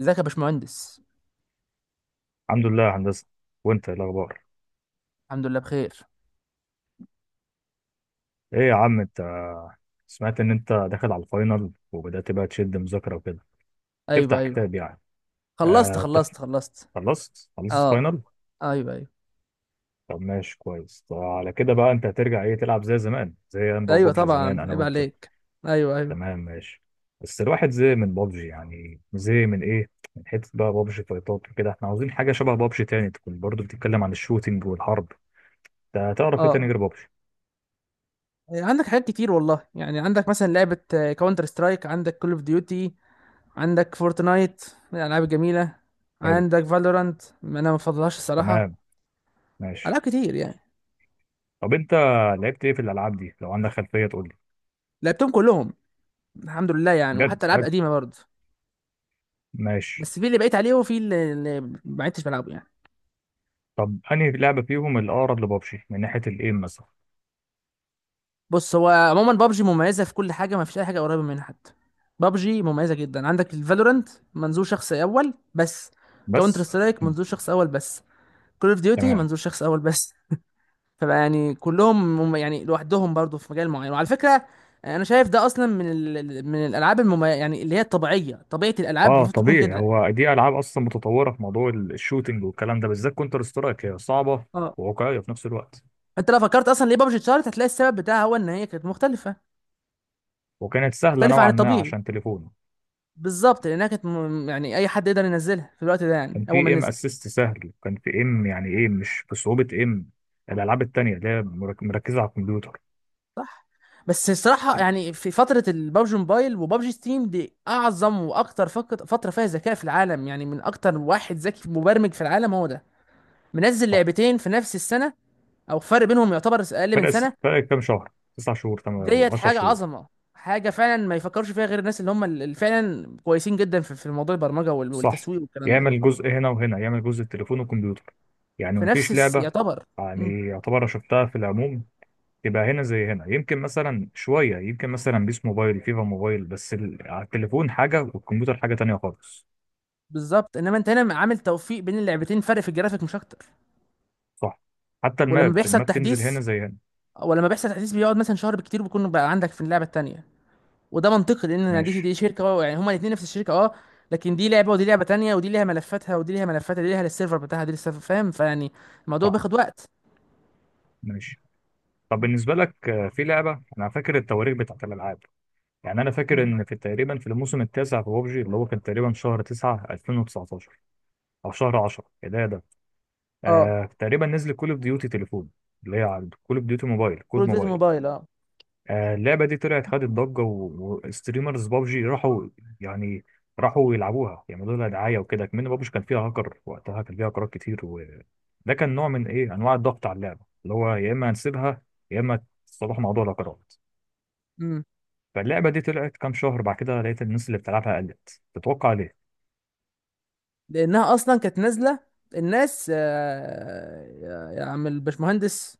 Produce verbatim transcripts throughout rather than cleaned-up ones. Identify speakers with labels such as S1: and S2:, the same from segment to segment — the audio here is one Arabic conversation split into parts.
S1: ازيك يا باشمهندس؟
S2: الحمد لله يا هندسة، وانت ايه الاخبار؟
S1: الحمد لله بخير.
S2: ايه يا عم انت، سمعت ان انت داخل على الفاينل وبدأت بقى تشد مذاكرة وكده.
S1: ايوه،
S2: تفتح
S1: ايوه.
S2: كتاب يعني.
S1: خلصت
S2: آه انت
S1: خلصت خلصت.
S2: خلصت خلصت
S1: اه.
S2: فاينل.
S1: ايوه، ايوه،
S2: طب ماشي كويس. طب على كده بقى انت هترجع ايه، تلعب زي زمان، زي انا
S1: ايوه،
S2: وبابجي زمان،
S1: طبعا
S2: انا
S1: عيب
S2: وانت؟
S1: عليك. ايوه، ايوه.
S2: تمام ماشي. بس الواحد زهق من بابجي، يعني زهق من ايه من حتة بقى بابجي فايتات وكده، احنا عاوزين حاجة شبه بابجي تاني تكون برضو بتتكلم عن الشوتينج والحرب. ده تعرف ايه تاني
S1: اه.
S2: غير بابجي؟
S1: إيه، عندك حاجات كتير والله، يعني عندك مثلا لعبة كاونتر سترايك، عندك كول اوف ديوتي، عندك فورتنايت من الالعاب الجميلة.
S2: حلو.
S1: عندك فالورانت، انا ما بفضلهاش الصراحة.
S2: تمام. ماشي.
S1: العاب كتير يعني.
S2: طب انت لعبت ايه في الالعاب دي؟ لو عندك خلفيه تقول لي.
S1: لعبتهم كلهم الحمد لله يعني،
S2: بجد
S1: وحتى العاب
S2: حلو.
S1: قديمة برضه.
S2: ماشي.
S1: بس في اللي بقيت عليه، وفي اللي اللي ما عدتش بلعبه يعني.
S2: طب انهي لعبه فيهم الاقرب لبابجي من ناحيه الايم مثلا؟
S1: بص، هو عموما بابجي مميزه في كل حاجه، ما فيش اي حاجه قريبه منها حتى. بابجي مميزه جدا، عندك الفالورنت منظور شخص اول بس. كاونتر
S2: بس.
S1: سترايك
S2: مم.
S1: منظور شخص اول بس. كول اوف ديوتي
S2: تمام.
S1: منظور شخص اول بس. فبقى يعني كلهم مم- يعني لوحدهم برضو في مجال معين، وعلى فكره. انا شايف ده اصلا من ال... من الالعاب الممي... يعني اللي هي الطبيعيه، طبيعه الالعاب
S2: اه
S1: المفروض تكون
S2: طبيعي،
S1: كده.
S2: هو دي العاب اصلا متطوره في موضوع ال- الشوتينج والكلام ده، بالذات كونتر سترايك هي صعبه
S1: اه،
S2: وواقعيه في نفس الوقت.
S1: انت لو فكرت اصلا ليه بابجي اتشهرت هتلاقي السبب بتاعها هو ان هي كانت مختلفه.
S2: وكانت سهله
S1: مختلفه عن
S2: نوعا ما
S1: الطبيعي.
S2: عشان تليفون.
S1: بالظبط، لانها كانت م- يعني اي حد يقدر ينزلها في الوقت ده، يعني
S2: كان
S1: اول
S2: في
S1: ما
S2: ايم
S1: نزل.
S2: اسيست سهل، كان في ايم يعني ايه، مش بصعوبه ايم الالعاب التانيه اللي هي مرك- مركزه على الكمبيوتر.
S1: صح. بس الصراحة، يعني في فترة البابجي موبايل وبابجي ستيم دي أعظم وأكتر فك- فترة فيها ذكاء في العالم، يعني من أكتر واحد ذكي مبرمج في العالم هو ده، منزل
S2: صح.
S1: لعبتين في نفس السنة، أو فرق بينهم يعتبر أقل من
S2: فرق
S1: سنة.
S2: فرق كام شهر، تسع شهور، تمام،
S1: ديت
S2: او 10
S1: حاجة
S2: شهور.
S1: عظمة، حاجة فعلا ما يفكرش فيها غير الناس اللي هم اللي فعلا كويسين جدا في في موضوع البرمجة وال-
S2: صح.
S1: والتسويق والكلام ده.
S2: يعمل جزء هنا وهنا، يعمل جزء التليفون والكمبيوتر. يعني
S1: في نفس
S2: مفيش
S1: الس-
S2: لعبة،
S1: يعتبر. مم.
S2: يعني يعتبر شفتها في العموم تبقى هنا زي هنا. يمكن مثلا شوية، يمكن مثلا بيس موبايل، فيفا موبايل، بس ال- على التليفون حاجة والكمبيوتر حاجة تانية خالص.
S1: بالظبط، إنما أنت هنا عامل توفيق بين اللعبتين، فرق في الجرافيك مش أكتر.
S2: صح. حتى
S1: ولما
S2: الماب
S1: بيحصل
S2: الماب تنزل
S1: تحديث
S2: هنا زي هنا.
S1: ولما بيحصل تحديث بيقعد مثلا شهر بالكتير، بيكون بقى عندك في اللعبه التانيه. وده منطقي لان يعني دي
S2: ماشي.
S1: دي شركه، اه يعني هما الاثنين نفس الشركه، اه. لكن دي لعبه ودي لعبه تانيه، ودي ليها ملفاتها ودي ليها ملفاتها، دي ليها السيرفر بتاعها دي للسيرفر، فاهم؟ فيعني الموضوع
S2: صح.
S1: بياخد وقت.
S2: ماشي. طب بالنسبة لك آه، في لعبة، أنا فاكر التواريخ بتاعت الألعاب. يعني أنا فاكر
S1: م.
S2: إن في تقريبا في الموسم التاسع في بابجي اللي هو كان تقريبا شهر تسعة ألفين وتسعة عشر، أو شهر عشرة كده.
S1: اه.
S2: آه تقريبا نزل كول اوف ديوتي تليفون، اللي هي على كول اوف ديوتي موبايل،
S1: برو
S2: كود
S1: ديفيجن
S2: موبايل.
S1: موبايل، اه.
S2: آه اللعبه دي طلعت خدت ضجه و- وستريمرز بابجي راحوا. يعني راحوا يلعبوها، يعملوا لها دعايه وكده. كمان بابجي كان فيها هاكر وقتها، كان فيها هاكرات كتير، وده كان نوع من ايه انواع الضغط على اللعبه، اللي هو يا اما هنسيبها يا اما تصلحوا موضوع الهاكرات.
S1: امم.
S2: فاللعبه دي طلعت كام شهر بعد كده لقيت الناس اللي بتلعبها قلت، تتوقع ليه؟
S1: لانها اصلا كانت نازله. الناس، آه، يا يا عم الباشمهندس.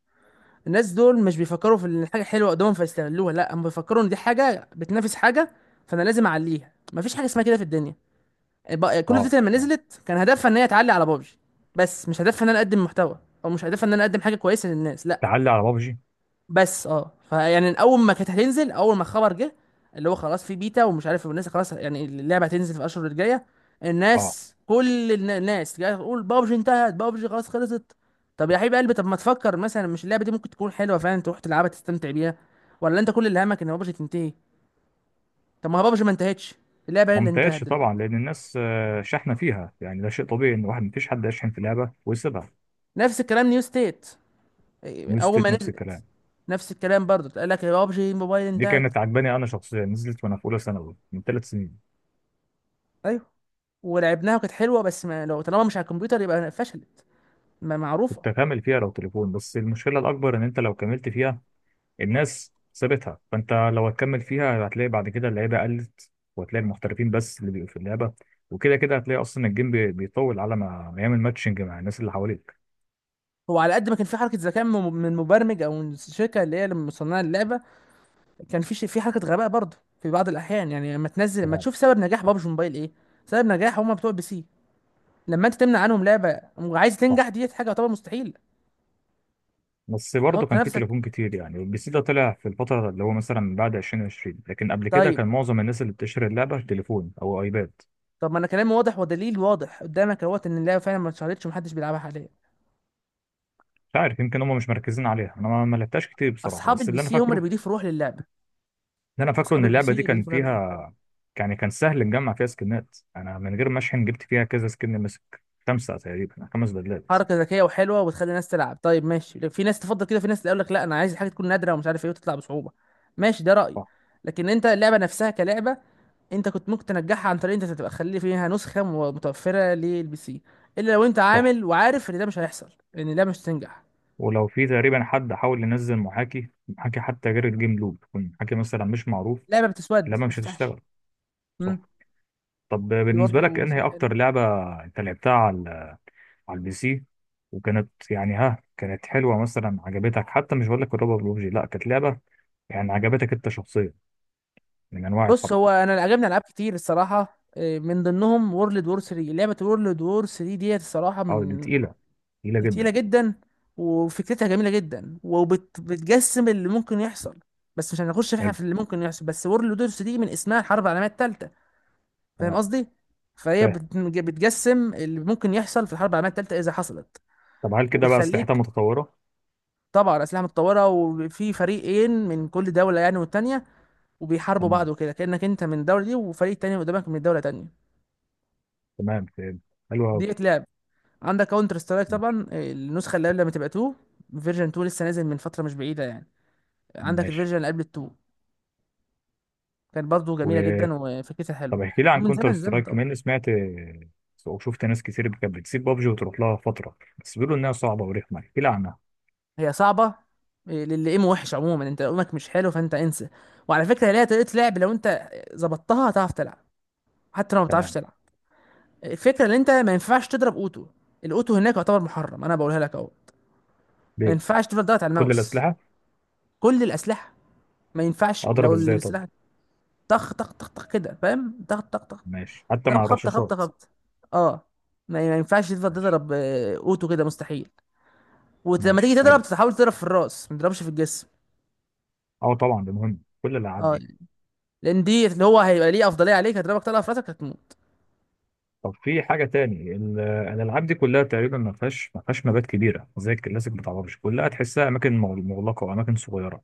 S1: الناس دول مش بيفكروا في ان الحاجه حلوه قدامهم فيستغلوها، لا، هم بيفكروا ان دي حاجه بتنافس حاجه، فانا لازم اعليها. مفيش حاجه اسمها كده في الدنيا. بقى- كل
S2: اه
S1: اوف لما
S2: يعني.
S1: نزلت كان هدفها ان هي تعلي على بابجي. بس مش هدفها ان انا اقدم محتوى، او مش هدفها ان انا اقدم حاجه كويسه للناس، لا.
S2: تعلي على بابجي.
S1: بس اه فيعني اول ما كانت هتنزل، اول ما الخبر جه، اللي هو خلاص في بيتا ومش عارف، والناس خلاص يعني اللعبه هتنزل في الاشهر الجايه.
S2: اه
S1: الناس كل النا- الناس جايه تقول بابجي انتهت، بابجي خلاص خلصت. طب يا حبيب قلبي، طب ما تفكر مثلا مش اللعبه دي ممكن تكون حلوه فعلا، تروح تلعبها تستمتع بيها، ولا انت كل اللي همك ان بابجي تنتهي؟ طب ما هو بابجي ما انتهتش، اللعبه هي اللي انتهت
S2: ممتازش طبعا
S1: دلوقتي.
S2: لان الناس آه، شحنه فيها، يعني ده شيء طبيعي ان واحد، مفيش حد يشحن في لعبه ويسيبها.
S1: نفس الكلام نيو ستيت. إيه،
S2: نيو
S1: اول ما
S2: ستيت نفس
S1: نزل
S2: الكلام.
S1: نفس الكلام برضه، قال لك يا بابجي موبايل
S2: دي
S1: انتهت.
S2: كانت عجباني انا شخصيا، نزلت وانا في اولى ثانوي من ثلاث سنين.
S1: ايوه، ولعبناها وكانت حلوه، بس ما لو طالما مش على الكمبيوتر يبقى فشلت. ما- معروفه.
S2: كنت هكمل فيها لو تليفون، بس المشكله الاكبر ان انت لو كملت فيها، الناس سابتها، فانت لو هتكمل فيها هتلاقي بعد كده اللعيبه قلت، وهتلاقي المحترفين بس اللي بيبقوا في اللعبه. وكده كده هتلاقي اصلا الجيم بي- بيطول على ما ما يعمل ماتشنج مع الناس اللي حواليك.
S1: هو على قد ما كان في حركه ذكاء من من مبرمج او من الشركه اللي هي اللي مصنعه اللعبه، كان في ش- في حركه غباء برضه في بعض الاحيان، يعني لما تنزل لما
S2: تمام.
S1: تشوف سبب نجاح بابجي موبايل ايه. سبب نجاح هم بتوع بي سي. لما انت تمنع عنهم لعبه وعايز تنجح دي حاجه طبعا مستحيل.
S2: بس برضه
S1: تحط
S2: كان في
S1: نفسك.
S2: تليفون كتير يعني، والبي سي ده طلع في الفترة اللي هو مثلا بعد ألفين وعشرين، لكن قبل كده
S1: طيب.
S2: كان معظم الناس اللي بتشتري اللعبة تليفون أو أيباد.
S1: طب ما انا كلامي واضح ودليل واضح قدامك اهوت ان اللعبه فعلا ما اتشهرتش ومحدش بيلعبها حاليا.
S2: مش عارف، يمكن هم مش مركزين عليها، أنا ما ما لعبتهاش كتير بصراحة،
S1: اصحاب
S2: بس
S1: البي
S2: اللي أنا
S1: سي هم اللي
S2: فاكره
S1: بيضيفوا روح للعبه.
S2: اللي أنا فاكره
S1: اصحاب
S2: إن
S1: البي
S2: اللعبة دي
S1: سي
S2: كان
S1: بيضيفوا لعبه
S2: فيها، يعني كان سهل نجمع فيها سكنات، أنا من غير ما أشحن جبت فيها كذا سكن مسك، خمسة تقريبا، خمس بدلات.
S1: حركه ذكيه وحلوه وتخلي الناس تلعب. طيب ماشي. في ناس تفضل كده، في ناس تقول لك لا، انا عايز الحاجه تكون نادره ومش عارف ايه وتطلع بصعوبه. ماشي، ده رايي.
S2: صح.
S1: لكن انت اللعبه نفسها كلعبه، انت كنت ممكن تنجحها عن طريق انت تبقى خلي فيها نسخه م- متوفره للبي سي، الا لو انت
S2: صح.
S1: عامل وعارف ان ده مش هيحصل، ان اللعبه مش هتنجح.
S2: ولو في تقريبا حد حاول ينزل محاكي محاكي حتى غير الجيم لوب، يكون محاكي مثلا مش معروف،
S1: اللعبه بتسود ما
S2: اللعبة مش
S1: تفتحش.
S2: هتشتغل. صح.
S1: امم.
S2: طب
S1: دي
S2: بالنسبة لك
S1: برضه مش
S2: انهي
S1: حلو.
S2: اكتر لعبة انت لعبتها على، على البي سي وكانت يعني ها، كانت حلوة مثلا عجبتك، حتى مش بقول لك الروبر بلوبجي، لا كانت لعبة يعني عجبتك انت شخصيا من انواع
S1: بص،
S2: الحرب؟
S1: هو انا عجبني العاب كتير الصراحه، إيه، من ضمنهم وورلد وور ثري. لعبه وورلد وور ثري ديت الصراحه
S2: او دي
S1: من
S2: تقيلة؟ تقيلة
S1: تقيلة
S2: جدا.
S1: جدا، وفكرتها جميلة جدا، وبتجسم اللي ممكن يحصل. بس مش هنخش احنا
S2: حلو.
S1: في اللي ممكن يحصل بس، وورلد وورز دي من اسمها الحرب العالمية التالتة، فاهم
S2: تمام
S1: قصدي؟ فهي
S2: فاهم.
S1: بت- بتجسم اللي ممكن يحصل في الحرب العالمية التالتة إذا حصلت.
S2: طب هل كده بقى اسلحتها
S1: وبتخليك،
S2: متطورة؟
S1: طبعا أسلحة متطورة، وفي فريقين من كل دولة يعني والتانية، وبيحاربوا بعض
S2: تمام.
S1: وكده، كأنك أنت من الدولة دي وفريق تاني قدامك من دولة تانية.
S2: تمام فاهم. حلو قوي.
S1: دي بتلعب. عندك كاونتر سترايك
S2: ماشي.
S1: طبعا، النسخة اللي قبل ما تبقى تو. فيرجن اتنين لسه نازل من فترة مش بعيدة يعني. عندك
S2: ماشي.
S1: الفيرجن اللي قبل التو، كانت برضه جميله
S2: و...
S1: جدا وفكرتها
S2: طب
S1: حلوه،
S2: احكي لي عن
S1: من
S2: كونتر
S1: زمن زمن
S2: سترايك
S1: طبعا.
S2: كمان، سمعت وشفت ناس كتير كانت بتسيب بابجي وتروح لها فترة، بس بيقولوا انها صعبة ورخمة، احكي لي عنها.
S1: هي صعبه، إيه، للي ايمو وحش عموما، انت ايمك مش حلو فانت انسى. وعلى فكره هي ليها طريقه لعب، لو انت ظبطتها هتعرف تلعب، حتى لو ما بتعرفش
S2: تمام.
S1: تلعب. الفكره ان انت ما ينفعش تضرب اوتو. الاوتو هناك يعتبر محرم، انا بقولها لك اهو. ما
S2: ليه؟
S1: ينفعش تفضل ضغط على
S2: كل
S1: الماوس.
S2: الأسلحة؟
S1: كل الاسلحه، ما ينفعش
S2: اضرب
S1: لو
S2: ازاي طب؟
S1: السلاح، طخ طخ طخ طخ كده فاهم، طخ طخ طخ،
S2: ماشي، حتى
S1: طب
S2: مع
S1: خبطه خبطه
S2: الرشاشات؟
S1: خبطه. اه. ما ما ينفعش تفضل
S2: ماشي.
S1: تضرب، آه، اوتو كده مستحيل. ولما تيجي
S2: ماشي حلو.
S1: تضرب تحاول تضرب في الراس، ما تضربش في الجسم.
S2: اه طبعا ده مهم كل الالعاب
S1: اه،
S2: دي.
S1: لان دي اللي هو هيبقى ليه افضليه عليك، هتضربك طلقه في راسك هتموت.
S2: طب في حاجه تاني، ال- الالعاب دي كلها تقريبا ما فيهاش ما فيهاش مبات كبيره زي الكلاسيك بتاع بابجي، كلها تحسها اماكن مغ- مغلقه واماكن صغيره.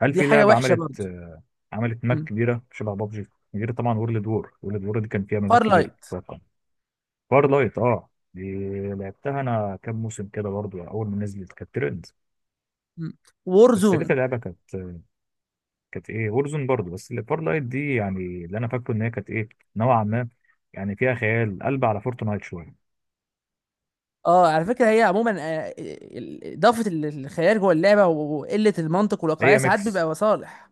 S2: هل
S1: دي
S2: في
S1: حاجه
S2: لعبه
S1: وحشه
S2: عملت
S1: برضه.
S2: آه، عملت ماب كبيره شبه بابجي غير طبعا وورلد وور؟ وورلد وور دي كان فيها مابات
S1: فار
S2: كبيره
S1: لايت.
S2: اتوقع. فار لايت. اه دي لعبتها انا كام موسم كده برضو، اول ما نزلت كانت ترند،
S1: وور
S2: بس
S1: زون.
S2: لقيت اللعبه كانت، كانت ايه؟ وورزون برضو، بس اللي فار لايت دي يعني، اللي انا فاكره ان هي كانت ايه، نوعا ما يعني فيها خيال، قلب على فورتنايت شويه.
S1: اه، على فكره هي عموما، آه، ال- ال- اضافه ال- الخيال جوه اللعبه وقله المنطق والواقعيه
S2: هي
S1: ساعات
S2: ميكس،
S1: بيبقى صالح.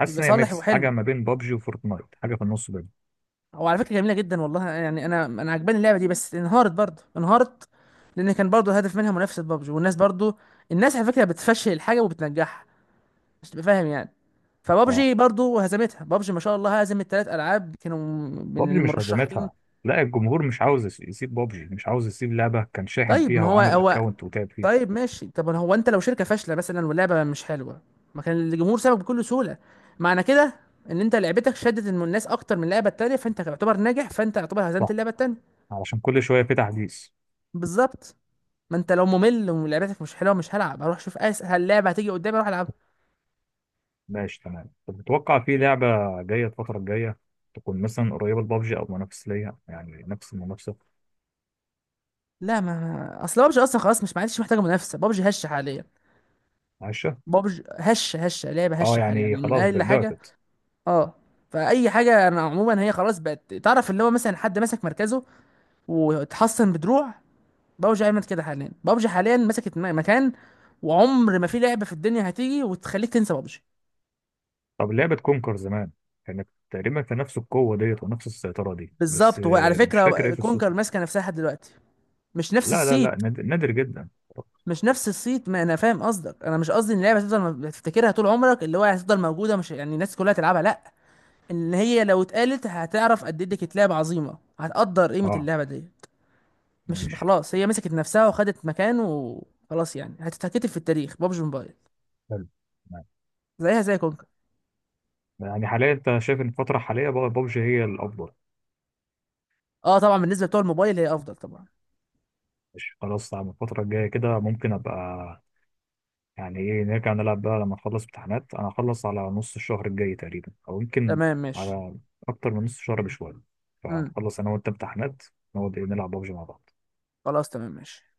S2: حاسس
S1: بيبقى
S2: ان هي
S1: صالح
S2: ميكس
S1: وحلو.
S2: حاجه ما بين بابجي وفورتنايت، حاجه في النص بينهم.
S1: هو على فكره جميله جدا والله، يعني انا انا عجباني اللعبه دي، بس انهارت برضه انهارت، لان كان برضه الهدف منها منافسه بابجي، والناس برضه. الناس على فكره بتفشل الحاجه وبتنجحها، مش تبقى فاهم يعني.
S2: اه.
S1: فبابجي برضو هزمتها، بابجي ما شاء الله هزمت ثلاث العاب كانوا من
S2: بابجي مش
S1: المرشحين.
S2: هزمتها، لا، الجمهور مش عاوز يس- يسيب بابجي، مش عاوز يسيب لعبه كان شاحن
S1: طيب
S2: فيها
S1: ما هو
S2: وعامل
S1: هو،
S2: اكونت وتعب فيها.
S1: طيب ماشي، طب هو انت لو شركه فاشله مثلا واللعبه مش حلوه ما كان الجمهور سابك بكل سهوله. معنى كده ان انت لعبتك شدت الم- الناس اكتر من اللعبه التانيه، فانت تعتبر ناجح، فانت تعتبر هزمت
S2: صح،
S1: اللعبه التانيه.
S2: علشان كل شويه في تحديث.
S1: بالظبط. ما انت لو ممل ولعبتك مش حلوه مش هلعب، اروح اشوف اسهل لعبه هتيجي قدامي اروح العبها.
S2: ماشي تمام. طب تتوقع في لعبه جايه الفتره الجايه تكون مثلا قريبه لبابجي او منافس ليها، يعني نفس المنافسه؟
S1: لا، ما اصل بابجي اصلا خلاص مش، معلش، محتاجه منافسه، بابجي هشه حاليا.
S2: عايشه.
S1: بابجي هشه هشه لعبه
S2: اه
S1: هشه حاليا،
S2: يعني
S1: يعني من
S2: خلاص
S1: اقل
S2: بقى
S1: حاجه.
S2: ضعفت.
S1: اه. فاي حاجه انا عموما، هي خلاص بقت تعرف اللي هو مثلا حد مسك مركزه واتحصن بدروع، بابجي عملت كده حاليا. بابجي حاليا مسكت م- مكان، وعمر ما في لعبه في الدنيا هتيجي وتخليك تنسى بابجي.
S2: طب لعبة كونكر زمان كانت تقريبا في نفس القوة ديت ونفس السيطرة دي، بس
S1: بالظبط، وعلى
S2: آه، مش فاكر ايه
S1: فكره كونكر
S2: قصتها.
S1: ماسكه نفسها لحد دلوقتي، مش نفس
S2: لا لا
S1: الصيت.
S2: لا، نادر, نادر جدا.
S1: مش نفس الصيت، ما انا فاهم قصدك، انا مش قصدي ان اللعبه هتفضل تفتكرها طول عمرك، اللي هو هتفضل موجوده، مش يعني الناس كلها تلعبها لا. ان هي لو اتقالت هتعرف قد ايه دي كانت لعبه عظيمه، هتقدر قيمه
S2: اه.
S1: اللعبه دي. مش
S2: ماشي.
S1: خلاص هي مسكت نفسها وخدت مكانه، وخلاص يعني هتتكتب في التاريخ بابجي موبايل،
S2: حلو. تمام.
S1: زيها زي كونكر.
S2: يعني حاليا انت شايف ان الفترة الحالية بقى بابجي هي الأفضل؟
S1: اه طبعا، بالنسبه لبتوع الموبايل هي افضل طبعا.
S2: مش خلاص على الفترة الجاية كده ممكن أبقى، يعني ايه، نرجع نلعب بقى لما نخلص امتحانات. أنا هخلص على نص الشهر الجاي تقريبا أو يمكن
S1: تمام ماشي.
S2: على أكتر من نص شهر بشوية،
S1: امم.
S2: فنخلص أنا وأنت امتحانات، نقعد ايه، نلعب بابجي مع بعض.
S1: خلاص تمام ماشي.